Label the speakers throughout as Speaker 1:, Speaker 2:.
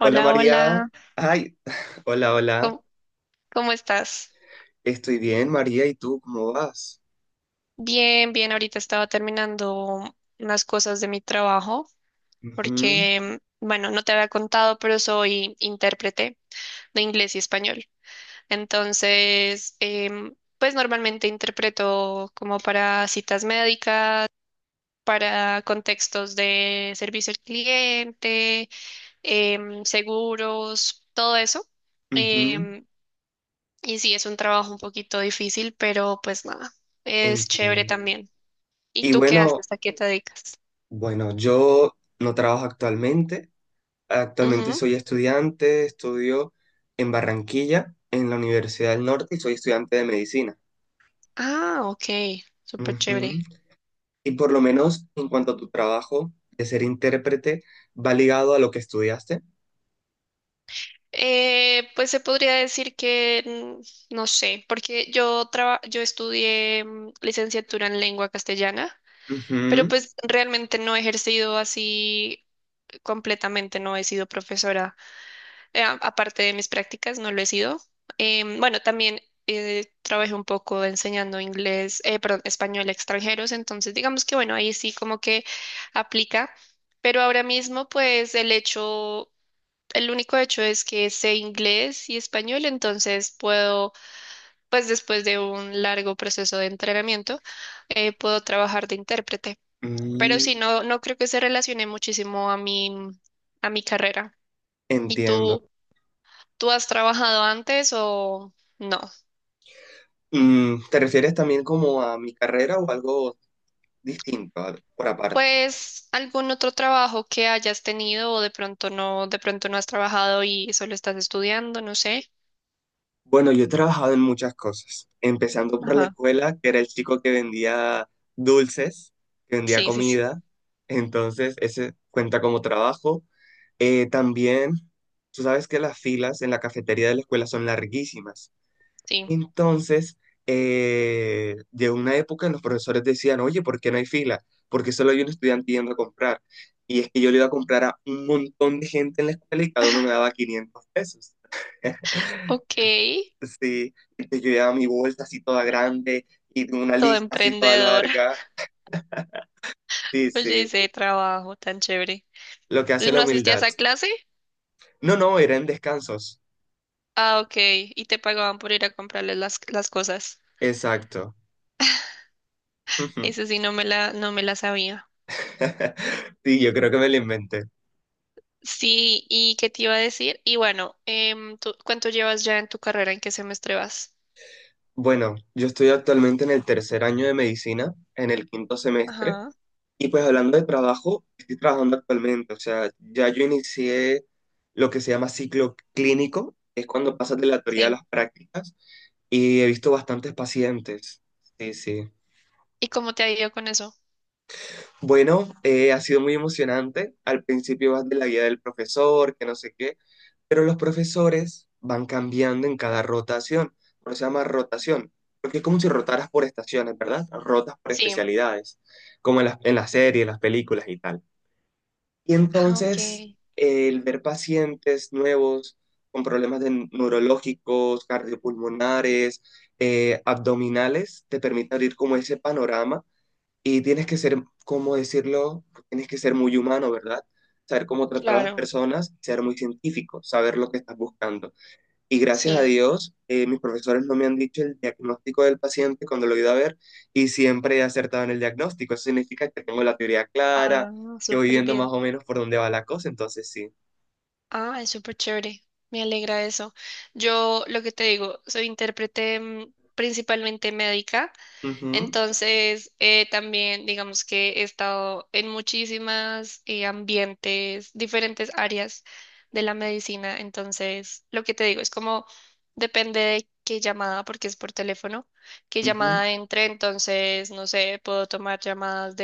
Speaker 1: Hola María.
Speaker 2: hola.
Speaker 1: Ay, hola, hola.
Speaker 2: ¿Cómo, cómo estás?
Speaker 1: Estoy bien, María. ¿Y tú cómo vas?
Speaker 2: Bien, bien. Ahorita estaba terminando unas cosas de mi trabajo
Speaker 1: Ujú,
Speaker 2: porque, bueno, no te había contado, pero soy intérprete de inglés y español. Entonces, pues normalmente interpreto como para citas médicas, para contextos de servicio al cliente, seguros, todo eso.
Speaker 1: ujú.
Speaker 2: Em, Y sí, es un trabajo un poquito difícil, pero pues nada, es chévere
Speaker 1: Entiendo.
Speaker 2: también. ¿Y
Speaker 1: Y
Speaker 2: tú qué
Speaker 1: bueno,
Speaker 2: haces? ¿A qué te dedicas?
Speaker 1: bueno, yo no trabajo actualmente. Actualmente
Speaker 2: Ujú.
Speaker 1: soy estudiante, estudio en Barranquilla, en la Universidad del Norte, y soy estudiante de medicina.
Speaker 2: Ah, ok, súper
Speaker 1: Ujú.
Speaker 2: chévere.
Speaker 1: Y por lo menos en cuanto a tu trabajo de ser intérprete, ¿va ligado a lo que estudiaste?
Speaker 2: Pues se podría decir que no sé, porque yo estudié licenciatura en lengua castellana, pero
Speaker 1: Ujú,
Speaker 2: pues realmente no he ejercido así completamente, no he sido profesora, aparte de mis prácticas, no lo he sido. Bueno, también trabajé un poco enseñando inglés, perdón, español a extranjeros, entonces digamos que bueno, ahí sí como que aplica, pero ahora mismo pues el único hecho es que sé inglés y español, entonces puedo, pues después de un largo proceso de entrenamiento, puedo trabajar de intérprete, pero sí,
Speaker 1: mm.
Speaker 2: no, no creo que se relacione muchísimo a a mi carrera. ¿Y
Speaker 1: Entiendo.
Speaker 2: tú? ¿Tú has trabajado antes o no?
Speaker 1: Mm, ¿te refieres también como a mi carrera o algo distinto, por aparte?
Speaker 2: Pues algún otro trabajo que hayas tenido o de pronto no has trabajado y solo estás estudiando, no sé.
Speaker 1: Bueno, yo he trabajado en muchas cosas, empezando por la
Speaker 2: Ajá.
Speaker 1: escuela, que era el chico que vendía dulces, que vendía
Speaker 2: Sí, sí, sí,
Speaker 1: comida, entonces ese cuenta como trabajo. También, tú sabes que las filas en la cafetería de la escuela son larguísimas.
Speaker 2: sí.
Speaker 1: Entonces, llegó una época en los profesores decían, oye, ¿por qué no hay fila? Porque solo hay un estudiante yendo a comprar. Y es que yo le iba a comprar a un montón de gente en la escuela y cada uno me daba 500 pesos.
Speaker 2: Ok,
Speaker 1: Sí, entonces yo llevaba mi bolsa así toda grande y tengo una
Speaker 2: todo
Speaker 1: lista así toda
Speaker 2: emprendedora.
Speaker 1: larga. Sí,
Speaker 2: Oye,
Speaker 1: sí,
Speaker 2: ese trabajo tan chévere.
Speaker 1: lo que
Speaker 2: ¿Y
Speaker 1: hace la
Speaker 2: no asistías
Speaker 1: humildad.
Speaker 2: a clase?
Speaker 1: No, no, era en descansos.
Speaker 2: Ah, ok. Y te pagaban por ir a comprarles las cosas.
Speaker 1: Exacto.
Speaker 2: Eso sí, no me la sabía.
Speaker 1: Sí, yo creo que me lo inventé.
Speaker 2: Sí, ¿y qué te iba a decir? Y bueno, ¿tú- ¿cuánto llevas ya en tu carrera? ¿En qué semestre vas?
Speaker 1: Bueno, yo estoy actualmente en el tercer año de medicina, en el quinto semestre,
Speaker 2: Ajá.
Speaker 1: y pues hablando de trabajo, estoy trabajando actualmente, o sea, ya yo inicié lo que se llama ciclo clínico, que es cuando pasas de la teoría a
Speaker 2: Sí.
Speaker 1: las prácticas, y he visto bastantes pacientes. Sí, sí.
Speaker 2: ¿Y cómo te ha ido con eso?
Speaker 1: Bueno, ha sido muy emocionante. Al principio vas de la guía del profesor, que no sé qué, pero los profesores van cambiando en cada rotación. Por eso se llama rotación, porque es como si rotaras por estaciones, ¿verdad? Rotas por
Speaker 2: Sí.
Speaker 1: especialidades, como en las series, las películas y tal. Y
Speaker 2: Ah, ok.
Speaker 1: entonces, el ver pacientes nuevos con problemas de neurológicos, cardiopulmonares, abdominales, te permite abrir como ese panorama y tienes que ser, ¿cómo decirlo? Tienes que ser muy humano, ¿verdad? Saber cómo tratar a las
Speaker 2: Claro.
Speaker 1: personas, ser muy científico, saber lo que estás buscando. Y gracias a
Speaker 2: Sí.
Speaker 1: Dios, mis profesores no me han dicho el diagnóstico del paciente cuando lo he ido a ver y siempre he acertado en el diagnóstico. Eso significa que tengo la teoría clara,
Speaker 2: Ah,
Speaker 1: que voy
Speaker 2: súper
Speaker 1: viendo más
Speaker 2: bien.
Speaker 1: o menos por dónde va la cosa, entonces sí.
Speaker 2: Ah, es súper chévere. Me alegra eso. Yo lo que te digo, soy intérprete principalmente médica,
Speaker 1: Ujú,
Speaker 2: entonces también digamos que he estado en muchísimas ambientes, diferentes áreas de la medicina, entonces lo que te digo es como depende de qué llamada, porque es por teléfono, qué
Speaker 1: ujú,
Speaker 2: llamada entre, entonces no sé, puedo tomar llamadas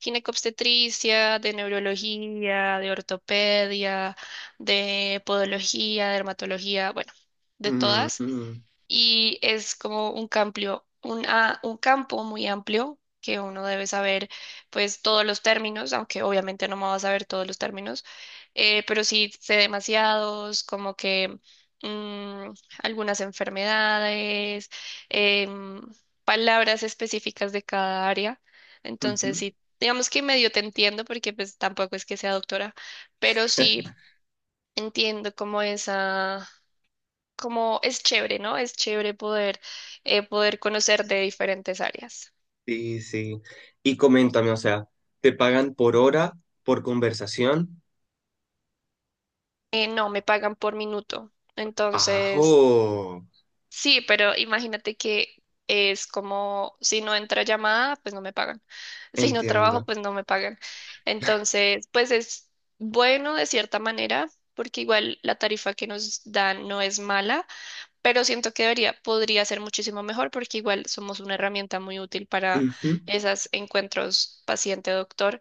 Speaker 2: ginecobstetricia, de neurología, de ortopedia, de podología, dermatología, bueno, de
Speaker 1: mm,
Speaker 2: todas,
Speaker 1: mm,
Speaker 2: y es como un cambio, un campo muy amplio que uno debe saber pues todos los términos, aunque obviamente no me va a saber todos los términos, pero sí sé demasiados, como que mm, algunas enfermedades, em, palabras específicas de cada área. Entonces
Speaker 1: ujú.
Speaker 2: sí, digamos que medio te entiendo porque pues tampoco es que sea doctora, pero sí entiendo como esa, como es chévere, ¿no? Es chévere poder, poder conocer de diferentes áreas.
Speaker 1: Sí, sí. Y coméntame, o sea, ¿te pagan por hora, por conversación?
Speaker 2: No, me pagan por minuto. Entonces,
Speaker 1: Ajo,
Speaker 2: sí, pero imagínate que es como si no entra llamada, pues no me pagan. Si no trabajo,
Speaker 1: entiendo.
Speaker 2: pues no me pagan. Entonces, pues es bueno de cierta manera, porque igual la tarifa que nos dan no es mala, pero siento que debería, podría ser muchísimo mejor porque igual somos una herramienta muy útil para
Speaker 1: Ujú.
Speaker 2: esos encuentros paciente-doctor,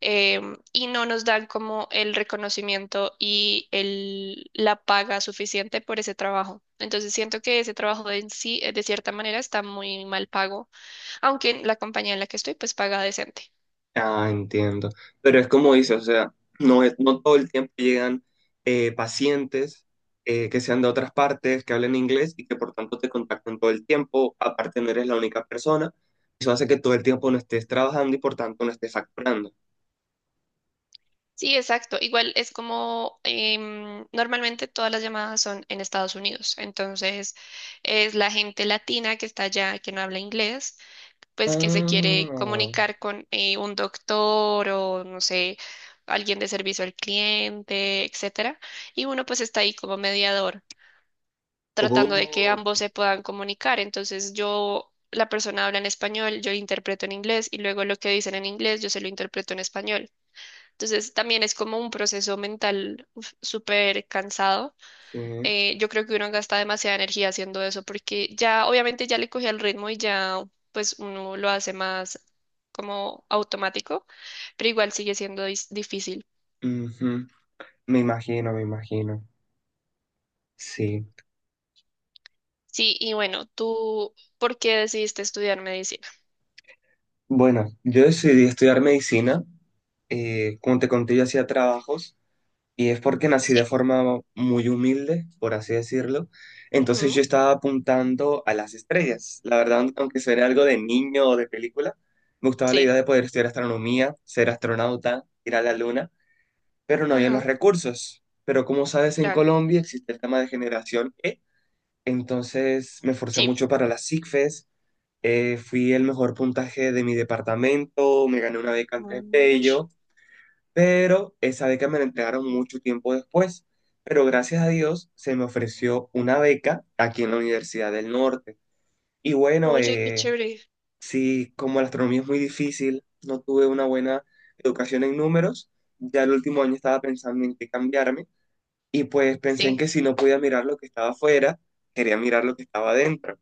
Speaker 2: y no nos dan como el reconocimiento y la paga suficiente por ese trabajo. Entonces siento que ese trabajo en sí, de cierta manera, está muy mal pago, aunque la compañía en la que estoy pues paga decente.
Speaker 1: Ah, entiendo. Pero es como dice, o sea, no es, no todo el tiempo llegan pacientes que sean de otras partes, que hablen inglés y que por tanto te contacten todo el tiempo. Aparte, no eres la única persona. Eso hace que todo el tiempo no estés trabajando y por tanto no estés facturando.
Speaker 2: Sí, exacto. Igual es como, normalmente todas las llamadas son en Estados Unidos, entonces es la gente latina que está allá, que no habla inglés, pues que se quiere
Speaker 1: Ah,
Speaker 2: comunicar con un doctor o no sé, alguien de servicio al cliente, etcétera, y uno pues está ahí como mediador, tratando de que
Speaker 1: ok,
Speaker 2: ambos se puedan comunicar. Entonces yo, la persona habla en español, yo interpreto en inglés y luego lo que dicen en inglés yo se lo interpreto en español. Entonces también es como un proceso mental uf, súper cansado,
Speaker 1: sí.
Speaker 2: yo creo que uno gasta demasiada energía haciendo eso porque ya obviamente ya le cogí el ritmo y ya pues uno lo hace más como automático, pero igual sigue siendo difícil.
Speaker 1: Ujú. Me imagino, me imagino. Sí.
Speaker 2: Sí, y bueno, ¿tú por qué decidiste estudiar medicina?
Speaker 1: Bueno, yo decidí estudiar medicina, como te conté, yo hacía trabajos y es porque nací de
Speaker 2: Sí.
Speaker 1: forma muy humilde, por así decirlo. Entonces
Speaker 2: Ujú.
Speaker 1: yo estaba apuntando a las estrellas. La verdad, aunque suene algo de niño o de película, me gustaba la idea
Speaker 2: Sí.
Speaker 1: de poder estudiar astronomía, ser astronauta, ir a la luna, pero no había los
Speaker 2: Ajá,
Speaker 1: recursos. Pero como sabes, en
Speaker 2: claro.
Speaker 1: Colombia existe el tema de generación E. Entonces me esforcé
Speaker 2: Sí.
Speaker 1: mucho para las ICFES, fui el mejor puntaje de mi departamento, me gané una beca en
Speaker 2: Ush.
Speaker 1: Bello, pero esa beca me la entregaron mucho tiempo después. Pero gracias a Dios se me ofreció una beca aquí en la Universidad del Norte. Y bueno,
Speaker 2: Oye, qué chévere.
Speaker 1: sí, como la astronomía es muy difícil, no tuve una buena educación en números. Ya el último año estaba pensando en qué cambiarme y pues pensé en
Speaker 2: Sí.
Speaker 1: que si no podía mirar lo que estaba afuera, quería mirar lo que estaba adentro.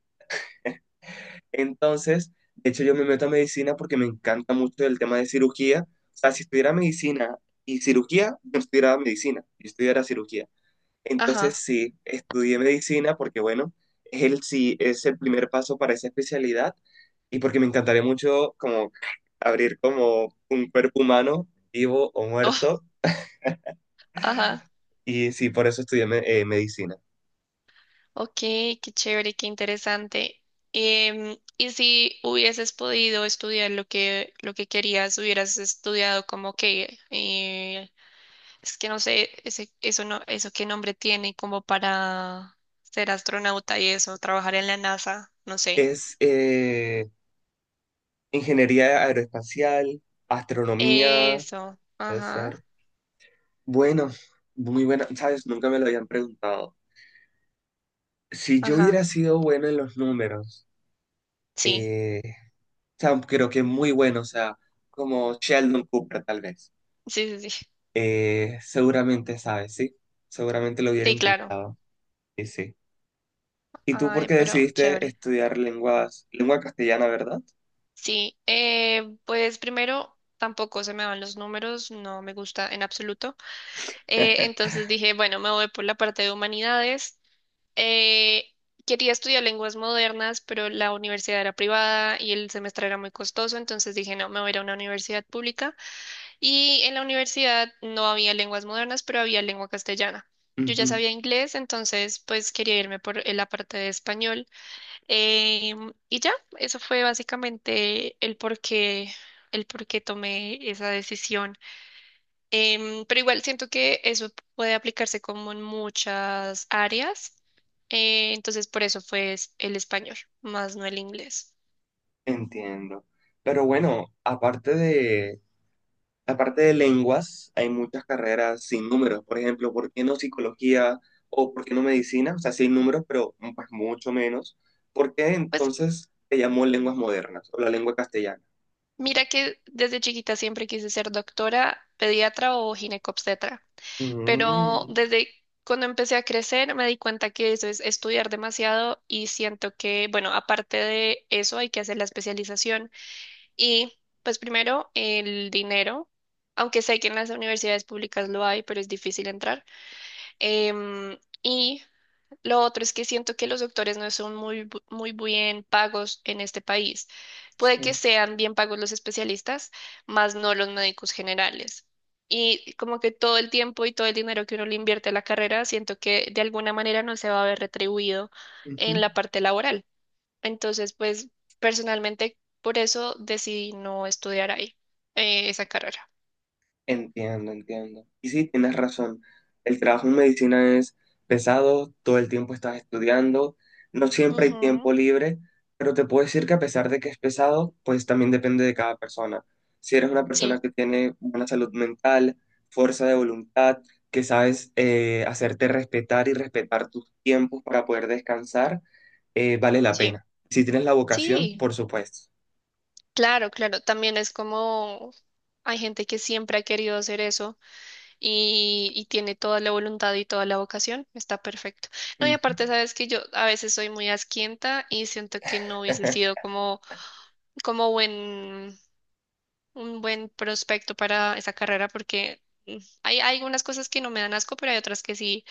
Speaker 1: Entonces, de hecho, yo me meto a medicina porque me encanta mucho el tema de cirugía. O sea, si estudiara medicina y cirugía, yo estudiara medicina, yo estudiara cirugía.
Speaker 2: Ajá.
Speaker 1: Entonces, sí, estudié medicina porque, bueno, es el, sí, es el primer paso para esa especialidad y porque me encantaría mucho como abrir como un cuerpo humano, vivo o
Speaker 2: Oh,
Speaker 1: muerto.
Speaker 2: ajá.
Speaker 1: Y sí, por eso estudié medicina.
Speaker 2: Ok, qué chévere, qué interesante. Y si hubieses podido estudiar lo que querías, hubieras estudiado como que, es que no sé, eso no, eso qué nombre tiene como para ser astronauta y eso, trabajar en la NASA, no sé.
Speaker 1: Es ingeniería aeroespacial, astronomía,
Speaker 2: Eso,
Speaker 1: puede
Speaker 2: ajá,
Speaker 1: ser. Bueno, muy buena, ¿sabes? Nunca me lo habían preguntado. Si yo
Speaker 2: ajá,
Speaker 1: hubiera sido bueno en los números,
Speaker 2: sí,
Speaker 1: eh, o sea, creo que muy bueno, o sea, como Sheldon Cooper tal vez.
Speaker 2: sí, sí, sí,
Speaker 1: Seguramente sabes, ¿sí? Seguramente lo hubiera
Speaker 2: sí, claro.
Speaker 1: intentado, sí, sí. ¿Y tú por
Speaker 2: Ay,
Speaker 1: qué
Speaker 2: pero
Speaker 1: decidiste
Speaker 2: chévere.
Speaker 1: estudiar lenguas, lengua castellana, verdad?
Speaker 2: Sí, pues primero tampoco se me van los números, no me gusta en absoluto. Entonces dije, bueno, me voy por la parte de humanidades. Eh, Quería estudiar lenguas modernas, pero la universidad era privada y el semestre era muy costoso, entonces dije, no, me voy a ir a una universidad pública. Y en la universidad no había lenguas modernas, pero había lengua castellana. Yo ya
Speaker 1: Ujú.
Speaker 2: sabía inglés, entonces pues quería irme por la parte de español. Y ya, eso fue básicamente el por qué tomé esa decisión. Pero igual siento que eso puede aplicarse como en muchas áreas. Entonces, por eso fue el español, más no el inglés.
Speaker 1: Entiendo. Pero bueno, aparte de... Aparte de lenguas, hay muchas carreras sin números. Por ejemplo, ¿por qué no psicología o por qué no medicina? O sea, sí hay números, pero mm, pues, mucho menos. ¿Por qué
Speaker 2: Pues
Speaker 1: entonces se llamó lenguas modernas o la lengua castellana?
Speaker 2: mira que desde chiquita siempre quise ser doctora, pediatra o ginecobstetra, pero
Speaker 1: Mm,
Speaker 2: desde cuando empecé a crecer me di cuenta que eso es estudiar demasiado y siento que, bueno, aparte de eso hay que hacer la especialización y pues primero el dinero, aunque sé que en las universidades públicas lo hay, pero es difícil entrar. Y lo otro es que siento que los doctores no son muy, muy bien pagos en este país. Puede que
Speaker 1: sí.
Speaker 2: sean bien pagos los especialistas, más no los médicos generales. Y como que todo el tiempo y todo el dinero que uno le invierte a la carrera, siento que de alguna manera no se va a ver retribuido
Speaker 1: Ujú.
Speaker 2: en la parte laboral. Entonces, pues personalmente por eso decidí no estudiar ahí, esa carrera.
Speaker 1: Entiendo, entiendo. Y sí, tienes razón. El trabajo en medicina es pesado, todo el tiempo estás estudiando, no siempre hay
Speaker 2: Ujú.
Speaker 1: tiempo libre, pero te puedo decir que a pesar de que es pesado, pues también depende de cada persona. Si eres una persona
Speaker 2: Sí,
Speaker 1: que tiene buena salud mental, fuerza de voluntad, que sabes hacerte respetar y respetar tus tiempos para poder descansar, vale la
Speaker 2: sí,
Speaker 1: pena. Si tienes la vocación,
Speaker 2: sí.
Speaker 1: por supuesto.
Speaker 2: Claro, claro, también es como hay gente que siempre ha querido hacer eso y tiene toda la voluntad y toda la vocación, está perfecto. No, y
Speaker 1: Ujú.
Speaker 2: aparte sabes que yo a veces soy muy asquienta y siento que no hubiese sido como, como buen, un buen prospecto para esa carrera porque mm, hay algunas cosas que no me dan asco, pero hay otras que sí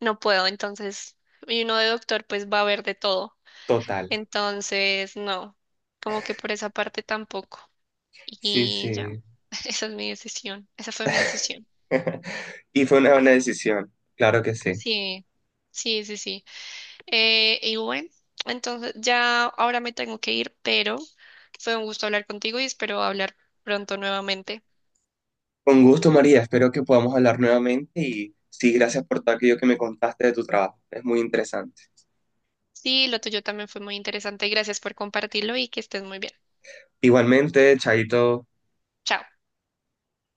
Speaker 2: no puedo, entonces, y uno de doctor pues va a ver de todo,
Speaker 1: Total.
Speaker 2: entonces no, como que por esa parte tampoco.
Speaker 1: Sí,
Speaker 2: Y ya.
Speaker 1: sí.
Speaker 2: Esa es mi decisión. Esa fue mi decisión.
Speaker 1: Y fue una buena decisión, claro que sí.
Speaker 2: Sí, sí, sí, sí. Y bueno, entonces ya ahora me tengo que ir, pero fue un gusto hablar contigo y espero hablar pronto nuevamente.
Speaker 1: Con gusto, María, espero que podamos hablar nuevamente y sí, gracias por todo aquello que me contaste de tu trabajo. Es muy interesante.
Speaker 2: Sí, lo tuyo también fue muy interesante. Gracias por compartirlo y que estés muy bien.
Speaker 1: Igualmente, Chaito.
Speaker 2: Chao.